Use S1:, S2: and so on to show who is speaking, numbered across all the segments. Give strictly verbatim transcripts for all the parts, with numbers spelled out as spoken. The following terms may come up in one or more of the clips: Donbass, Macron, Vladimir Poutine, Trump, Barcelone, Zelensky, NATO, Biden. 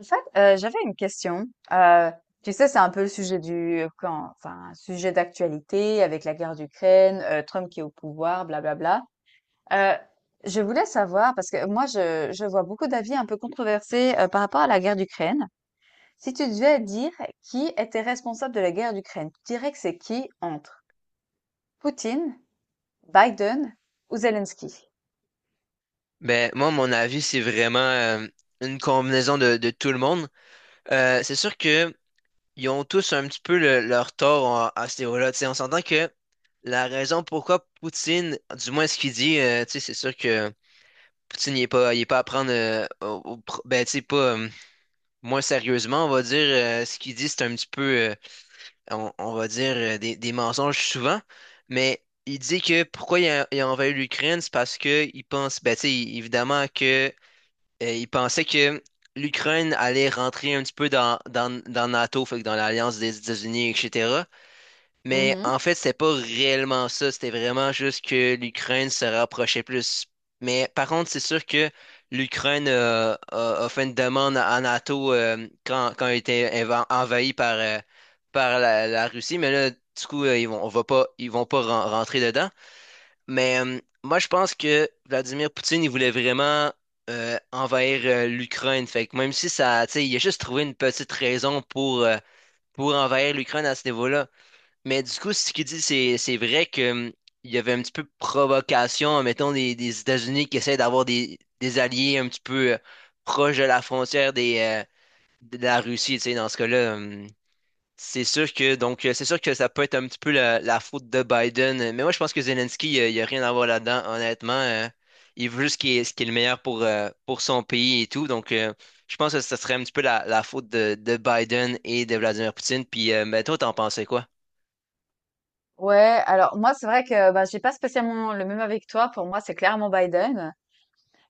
S1: En fait, euh, j'avais une question. Euh, tu sais, c'est un peu le sujet du, euh, quand, enfin, un sujet d'actualité avec la guerre d'Ukraine, euh, Trump qui est au pouvoir, blablabla. Euh, je voulais savoir, parce que moi, je, je vois beaucoup d'avis un peu controversés euh, par rapport à la guerre d'Ukraine. Si tu devais dire qui était responsable de la guerre d'Ukraine, tu dirais que c'est qui entre Poutine, Biden ou Zelensky?
S2: Ben, moi, mon avis, c'est vraiment euh, une combinaison de, de tout le monde. Euh, c'est sûr que ils ont tous un petit peu le- leur tort en- à ce niveau-là. Tu sais, on s'entend que la raison pourquoi Poutine, du moins ce qu'il dit, euh, tu sais, c'est sûr que Poutine, il est pas, il est pas à prendre, euh, au- au pr- ben, tu sais, pas euh, moins sérieusement, on va dire. Euh, ce qu'il dit, c'est un petit peu, euh, on, on va dire, euh, des, des mensonges souvent. Mais il dit que pourquoi il a, il a envahi l'Ukraine, c'est parce que il pense, ben, tu sais, évidemment que euh, il pensait que l'Ukraine allait rentrer un petit peu dans, dans, dans NATO, fait que dans l'alliance des États-Unis, et cetera. Mais en
S1: Mhm.
S2: fait, c'était pas réellement ça. C'était vraiment juste que l'Ukraine se rapprochait plus. Mais par contre, c'est sûr que l'Ukraine euh, a, a fait une demande à NATO euh, quand, quand elle était enva- envahie par, euh, par la, la Russie. Mais là, du coup, euh, ils vont, on va pas, ils vont pas ren- rentrer dedans. Mais euh, moi, je pense que Vladimir Poutine, il voulait vraiment euh, envahir euh, l'Ukraine. Fait que même si ça, tu sais, il a juste trouvé une petite raison pour, euh, pour envahir l'Ukraine à ce niveau-là. Mais du coup, ce qu'il dit, c'est, c'est vrai que, hum, il y avait un petit peu de provocation, mettons, des, des États-Unis qui essaient d'avoir des, des alliés un petit peu euh, proches de la frontière des, euh, de la Russie, tu sais, dans ce cas-là. Euh, c'est sûr que donc euh, c'est sûr que ça peut être un petit peu la, la faute de Biden, euh, mais moi je pense que Zelensky, euh, il n'y a rien à voir là-dedans, honnêtement. Euh, il veut juste ce qui est, ce qui est le meilleur pour, euh, pour son pays et tout. Donc euh, je pense que ça serait un petit peu la, la faute de, de Biden et de Vladimir Poutine. Puis euh, mais toi, t'en pensais quoi?
S1: Ouais, alors moi, c'est vrai que bah, j'ai pas spécialement le même avec toi. Pour moi, c'est clairement Biden.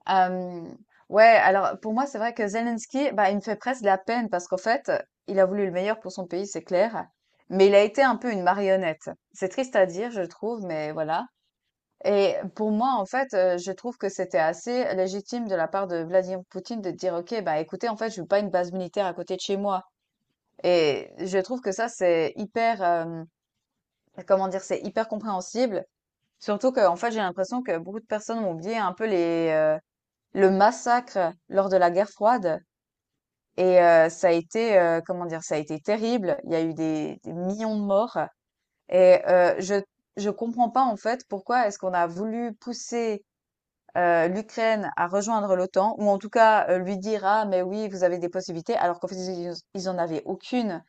S1: Hem, ouais, alors pour moi, c'est vrai que Zelensky, bah, il me fait presque de la peine parce qu'en fait, il a voulu le meilleur pour son pays, c'est clair, mais il a été un peu une marionnette. C'est triste à dire, je trouve, mais voilà. Et pour moi, en fait, heu, je trouve que c'était assez légitime de la part de Vladimir Poutine de dire: «OK, bah, écoutez, en fait, je veux pas une base militaire à côté de chez moi», et je trouve que ça, c'est hyper, hem, comment dire? C'est hyper compréhensible, surtout qu'en fait, j'ai l'impression que beaucoup de personnes ont oublié un peu les, euh, le massacre lors de la guerre froide. Et euh, ça a été, euh, comment dire, ça a été terrible. Il y a eu des, des millions de morts. Et euh, je je comprends pas en fait pourquoi est-ce qu'on a voulu pousser euh, l'Ukraine à rejoindre l'O T A N, ou en tout cas euh, lui dire ah mais oui vous avez des possibilités alors qu'en fait ils, ils en avaient aucune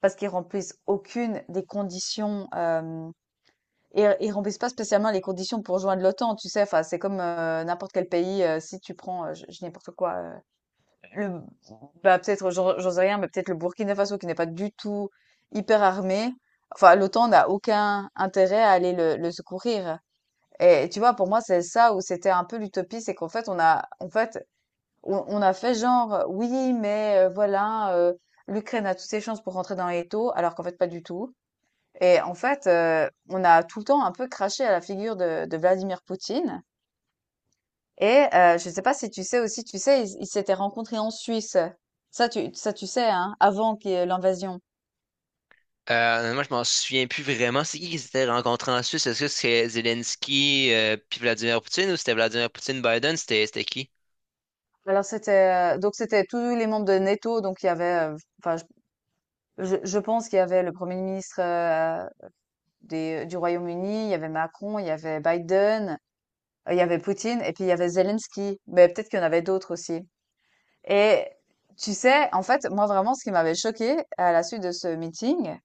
S1: parce qu'ils remplissent aucune des conditions euh, et ils remplissent pas spécialement les conditions pour joindre l'O T A N, tu sais, enfin c'est comme euh, n'importe quel pays euh, si tu prends euh, je, je dis n'importe quoi euh, le bah, peut-être, j'en j'en sais rien, mais peut-être le Burkina Faso qui n'est pas du tout hyper armé. Enfin, l'O T A N n'a aucun intérêt à aller le, le secourir. Et tu vois, pour moi, c'est ça où c'était un peu l'utopie, c'est qu'en fait, on a, en fait, on, on a fait genre, oui, mais euh, voilà, euh, l'Ukraine a toutes ses chances pour rentrer dans les taux, alors qu'en fait, pas du tout. Et en fait, euh, on a tout le temps un peu craché à la figure de, de Vladimir Poutine. Et euh, je sais pas si tu sais aussi, tu sais, ils ils s'étaient rencontrés en Suisse. Ça, tu, ça, tu sais, hein, avant qu'il y ait l'invasion.
S2: Euh, moi, je m'en souviens plus vraiment. C'est qui qui s'était rencontré en Suisse? Est-ce que c'est Zelensky euh, puis Vladimir Poutine ou c'était Vladimir Poutine Biden? C'était c'était qui?
S1: Alors c'était euh, donc c'était tous les membres de NATO, donc il y avait, euh, enfin, je, je je pense qu'il y avait le Premier ministre euh, des, euh, du Royaume-Uni, il y avait Macron, il y avait Biden, euh, il y avait Poutine, et puis il y avait Zelensky. Mais peut-être qu'il y en avait d'autres aussi. Et tu sais, en fait, moi vraiment, ce qui m'avait choqué à la suite de ce meeting,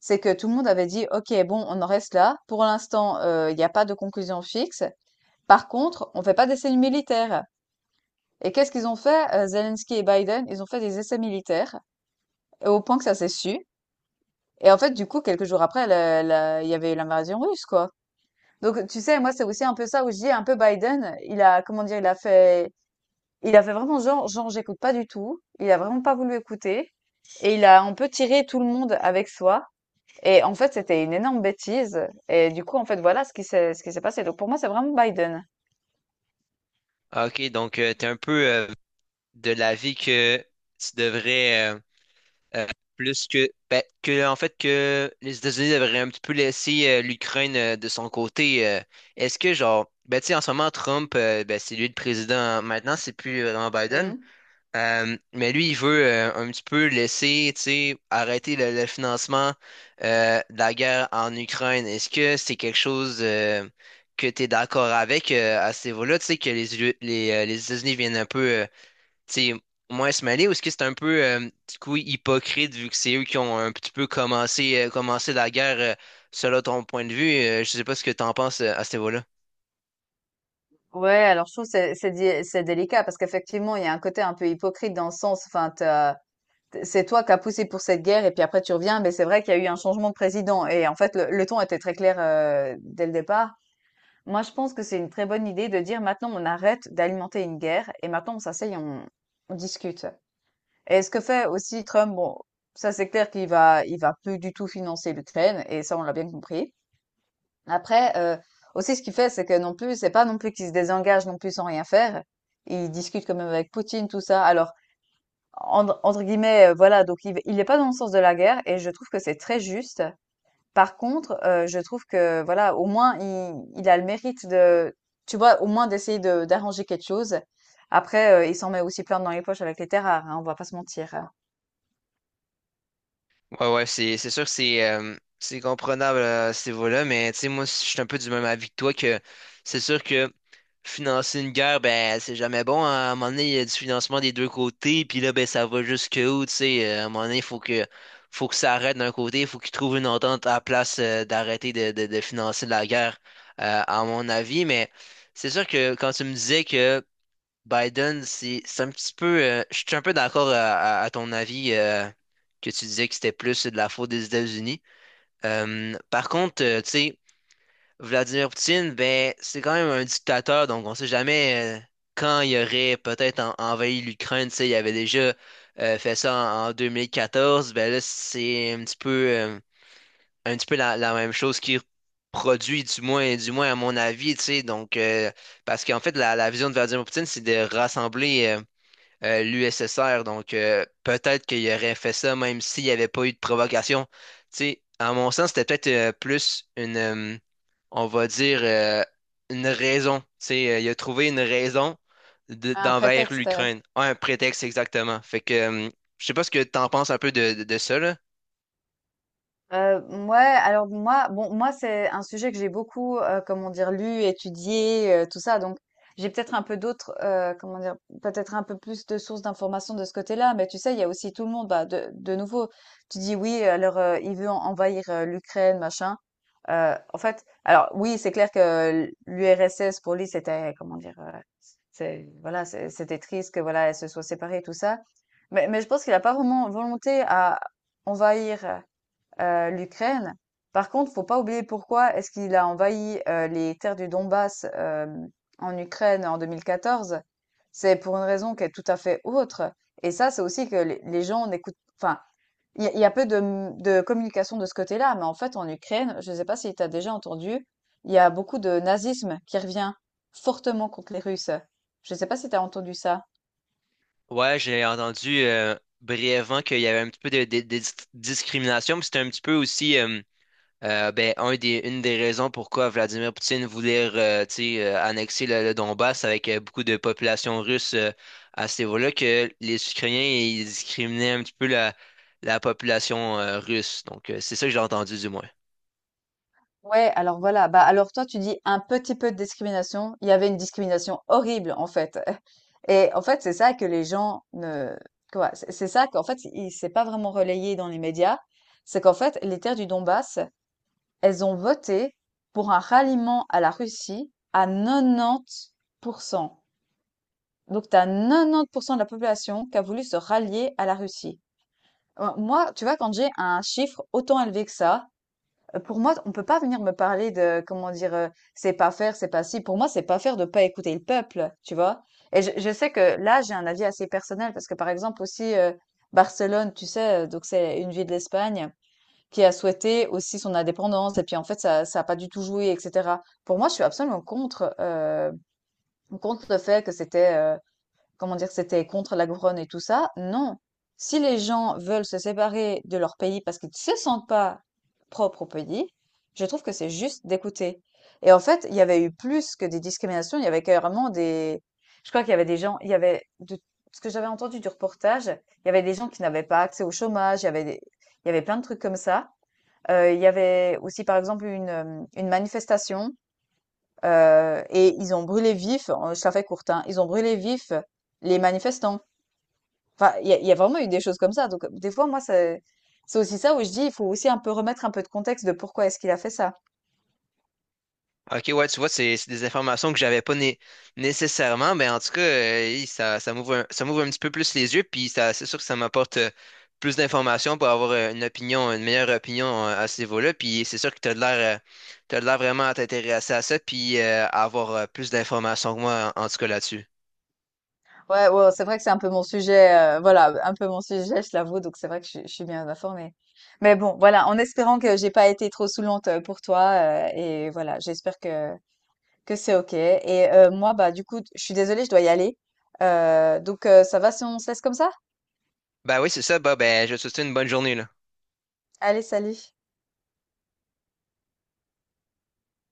S1: c'est que tout le monde avait dit: «OK, bon, on en reste là. Pour l'instant, heu, il y a pas de conclusion fixe. Par contre, on ne fait pas d'essais militaires». Et qu'est-ce qu'ils ont fait, heu, Zelensky et Biden? Ils ont fait des essais militaires, et au point que ça s'est su. Et en fait, du coup, quelques jours après, la la il y avait eu l'invasion russe, quoi. Donc tu sais, moi, c'est aussi un peu ça où je dis un peu Biden, il a comment dire? Il a fait il a fait vraiment genre genre: «J'écoute pas du tout». Il a vraiment pas voulu écouter, et il a un peu tiré tout le monde avec soi. Et en fait, c'était une énorme bêtise. Et du coup, en fait, voilà ce qui s'est, ce qui s'est passé. Donc pour moi, c'est vraiment Biden.
S2: Ah, Ok, donc tu t'es un peu euh, de l'avis que tu devrais euh, euh, plus que ben, que en fait que les États-Unis devraient un petit peu laisser euh, l'Ukraine euh, de son côté. euh. Est-ce que genre ben tu sais en ce moment Trump, euh, ben, c'est lui le président maintenant, c'est plus euh, vraiment Biden.
S1: Mhm.
S2: Euh, mais lui, il veut euh, un petit peu laisser, tu sais, arrêter le, le financement euh, de la guerre en Ukraine. Est-ce que c'est quelque chose euh, que tu es d'accord avec euh, à ce niveau-là, tu sais, que les, U- les, euh, les États-Unis viennent un peu, euh, tu sais, moins se mêler, ou est-ce que c'est un peu, euh, du coup, hypocrite vu que c'est eux qui ont un petit peu commencé, euh, commencé la guerre euh, selon ton point de vue? Euh, je sais pas ce que tu en penses euh, à ce niveau-là.
S1: Ouais, alors je trouve que c'est c'est di- c'est délicat parce qu'effectivement, il y a un côté un peu hypocrite dans le sens, enfin, t'as- t- c'est toi qui as poussé pour cette guerre et puis après tu reviens, mais c'est vrai qu'il y a eu un changement de président, et en fait, le, le ton était très clair euh, dès le départ. Moi, je pense que c'est une très bonne idée de dire maintenant on arrête d'alimenter une guerre et maintenant on s'asseye, on, on discute. Et ce que fait aussi Trump, bon, ça c'est clair qu'il va, il va plus du tout financer l'Ukraine, et ça on l'a bien compris. Après, euh, aussi ce qu'il fait, c'est que non plus, c'est pas non plus qu'il se désengage non plus sans rien faire. Il discute quand même avec Poutine, tout ça. Alors, entre, entre guillemets, euh, voilà, donc il, il est pas dans le sens de la guerre, et je trouve que c'est très juste. Par contre, heu, je trouve que voilà, au moins il il a le mérite de tu vois, au moins d'essayer de d'arranger quelque chose. Après, heu, il s'en met aussi plein dans les poches avec les terres rares, hein, on va pas se mentir, hein.
S2: Ouais, ouais, c'est c'est sûr, c'est euh, c'est comprenable à ce niveau-là, mais tu sais, moi, je suis un peu du même avis que toi que c'est sûr que financer une guerre, ben, c'est jamais bon, hein. À un moment donné, il y a du financement des deux côtés, puis là, ben, ça va jusque où, tu sais. euh, À un moment donné, il faut que, faut que ça arrête d'un côté, il faut qu'ils trouvent une entente à la place euh, d'arrêter de, de, de financer la guerre, euh, à mon avis. Mais c'est sûr que quand tu me disais que Biden, c'est c'est un petit peu. Euh, je suis un peu d'accord à, à- à ton avis euh, que tu disais que c'était plus de la faute des États-Unis. Euh, par contre, euh, tu sais, Vladimir Poutine, ben, c'est quand même un dictateur, donc on sait jamais euh, quand il aurait peut-être en- envahi l'Ukraine. Tu sais, il avait déjà euh, fait ça en, en deux mille quatorze. Ben là, c'est un petit peu, euh, un petit peu la, la même chose qu'il produit, du moins, du moins à mon avis, tu sais. Donc, euh, parce qu'en fait, la, la vision de Vladimir Poutine, c'est de rassembler. euh, euh, l'U S S R. Donc, euh, peut-être qu'il aurait fait ça même s'il n'y avait pas eu de provocation. Tu sais, à mon sens, c'était peut-être euh, plus une, euh, on va dire, euh, une raison. Tu sais, euh, il a trouvé une raison de-
S1: Un
S2: d'envers
S1: prétexte?
S2: l'Ukraine. Un prétexte exactement. Fait que, euh, je sais pas ce que tu en penses un peu de, de, de ça, là.
S1: Heu, mouais, alors moi bon, moi, c'est un sujet que j'ai beaucoup, heu, comment dire, lu, étudié, heu, tout ça, donc j'ai peut-être un peu d'autres, heu, comment dire? Peut-être un peu plus de sources d'informations de ce côté-là, mais tu sais, il y a aussi tout le monde, bah, de de nouveau, tu dis: «Oui, alors, heu, il veut en envahir, heu, l'Ukraine, machin». Heu, en fait, alors oui, c'est clair que l l'U R S S, pour lui, c'était comment dire? Heu, c'est voilà, c'est c'était triste que, voilà, elle se soit séparée, tout ça, mais mais je pense qu'il a pas vraiment volonté à envahir, euh, l'Ukraine. Par contre, faut pas oublier pourquoi est-ce qu'il a envahi euh, les terres du Donbass euh, en Ukraine en deux mille quatorze. C'est pour une raison qui est tout à fait autre. Et ça, c'est aussi que les, les gens n'écoutent. Enfin, il y, a- il y a peu de, m- de communication de ce côté-là, mais en fait, en Ukraine, je ne sais pas si tu as déjà entendu, il y a beaucoup de nazisme qui revient fortement contre les Russes. Je ne sais pas si tu as entendu ça.
S2: Ouais, j'ai entendu euh, brièvement qu'il y avait un petit peu de, de- de dis- discrimination, mais c'était un petit peu aussi. Euh, Euh, ben, un des, une des raisons pourquoi Vladimir Poutine voulait euh, tu sais, euh, annexer le, le Donbass avec euh, beaucoup de population russe euh, à ce niveau-là, que les Ukrainiens ils discriminaient un petit peu la, la population euh, russe. Donc, euh, c'est ça que j'ai entendu du moins.
S1: Ouais, alors voilà. Bah alors toi, tu dis un petit peu de discrimination. Il y avait une discrimination horrible, en fait. Et en fait, c'est ça que les gens ne, quoi, c'est c'est ça qu'en fait, il s'est pas vraiment relayé dans les médias. C'est qu'en fait, les terres du Donbass, elles ont voté pour un ralliement à la Russie à quatre-vingt-dix pour cent. Donc, tu as quatre-vingt-dix pour cent de la population qui a voulu se rallier à la Russie. Euh, Moi, tu vois, quand j'ai un chiffre autant élevé que ça, Heu, pour moi, on peut pas venir me parler de comment dire, heu, c'est pas faire, c'est pas si. Pour moi, c'est pas faire de pas écouter le peuple, tu vois? Et je je sais que là, j'ai un avis assez personnel parce que, par exemple, aussi, heu, Barcelone, tu sais, heu, donc c'est une ville d'Espagne qui a souhaité aussi son indépendance et puis, en fait, ça ça a pas du tout joué et cetera. Pour moi, je suis absolument contre, heu, contre le fait que c'était, heu comment dire, c'était contre la couronne et tout ça. Non. Si les gens veulent se séparer de leur pays parce qu'ils ne se sentent pas propres au pays, je trouve que c'est juste d'écouter. Et en fait, il y avait eu plus que des discriminations, il y avait carrément des... Je crois qu'il y avait des gens, il y avait, de ce que j'avais entendu du reportage, il y avait des gens qui n'avaient pas accès au chômage, il y avait des... il y avait plein de trucs comme ça. Euh, il y avait aussi, par exemple, une, euh, une manifestation euh, et ils ont brûlé vif, euh, je la fais courte, hein, ils ont brûlé vif les manifestants. Enfin, il y a il y a vraiment eu des choses comme ça, donc heu, des fois, moi, c'est c'est aussi ça où je dis: «Il faut aussi un peu remettre un peu de contexte de pourquoi est-ce qu'il a fait ça».
S2: Ok, ouais, tu vois, c'est c'est des informations que j'avais pas né- nécessairement, mais en tout cas, euh, hey, ça, ça m'ouvre un, ça m'ouvre un petit peu plus les yeux, puis ça, c'est sûr que ça m'apporte euh, plus d'informations pour avoir euh, une opinion, une meilleure opinion euh, à ce niveau-là, puis c'est sûr que tu as de l'air, euh, t'as de l'air vraiment à t'intéresser à ça, puis euh, à avoir euh, plus d'informations que moi, en, en tout cas là-dessus.
S1: Ouais, ouais, c'est vrai que c'est un peu mon sujet, heu, voilà, un peu mon sujet, je l'avoue, donc c'est vrai que je suis je suis bien informée. Mais bon, voilà, en espérant que j'ai pas été trop saoulante, heu, pour toi, heu et voilà, j'espère que Que c'est OK. Et euh, moi, bah, du coup, je suis désolée, je dois y aller. Euh, donc, euh, ça va si on se laisse comme ça?
S2: Ben oui, c'est ça, bah, ben, je te souhaite une bonne journée, là.
S1: Allez, salut.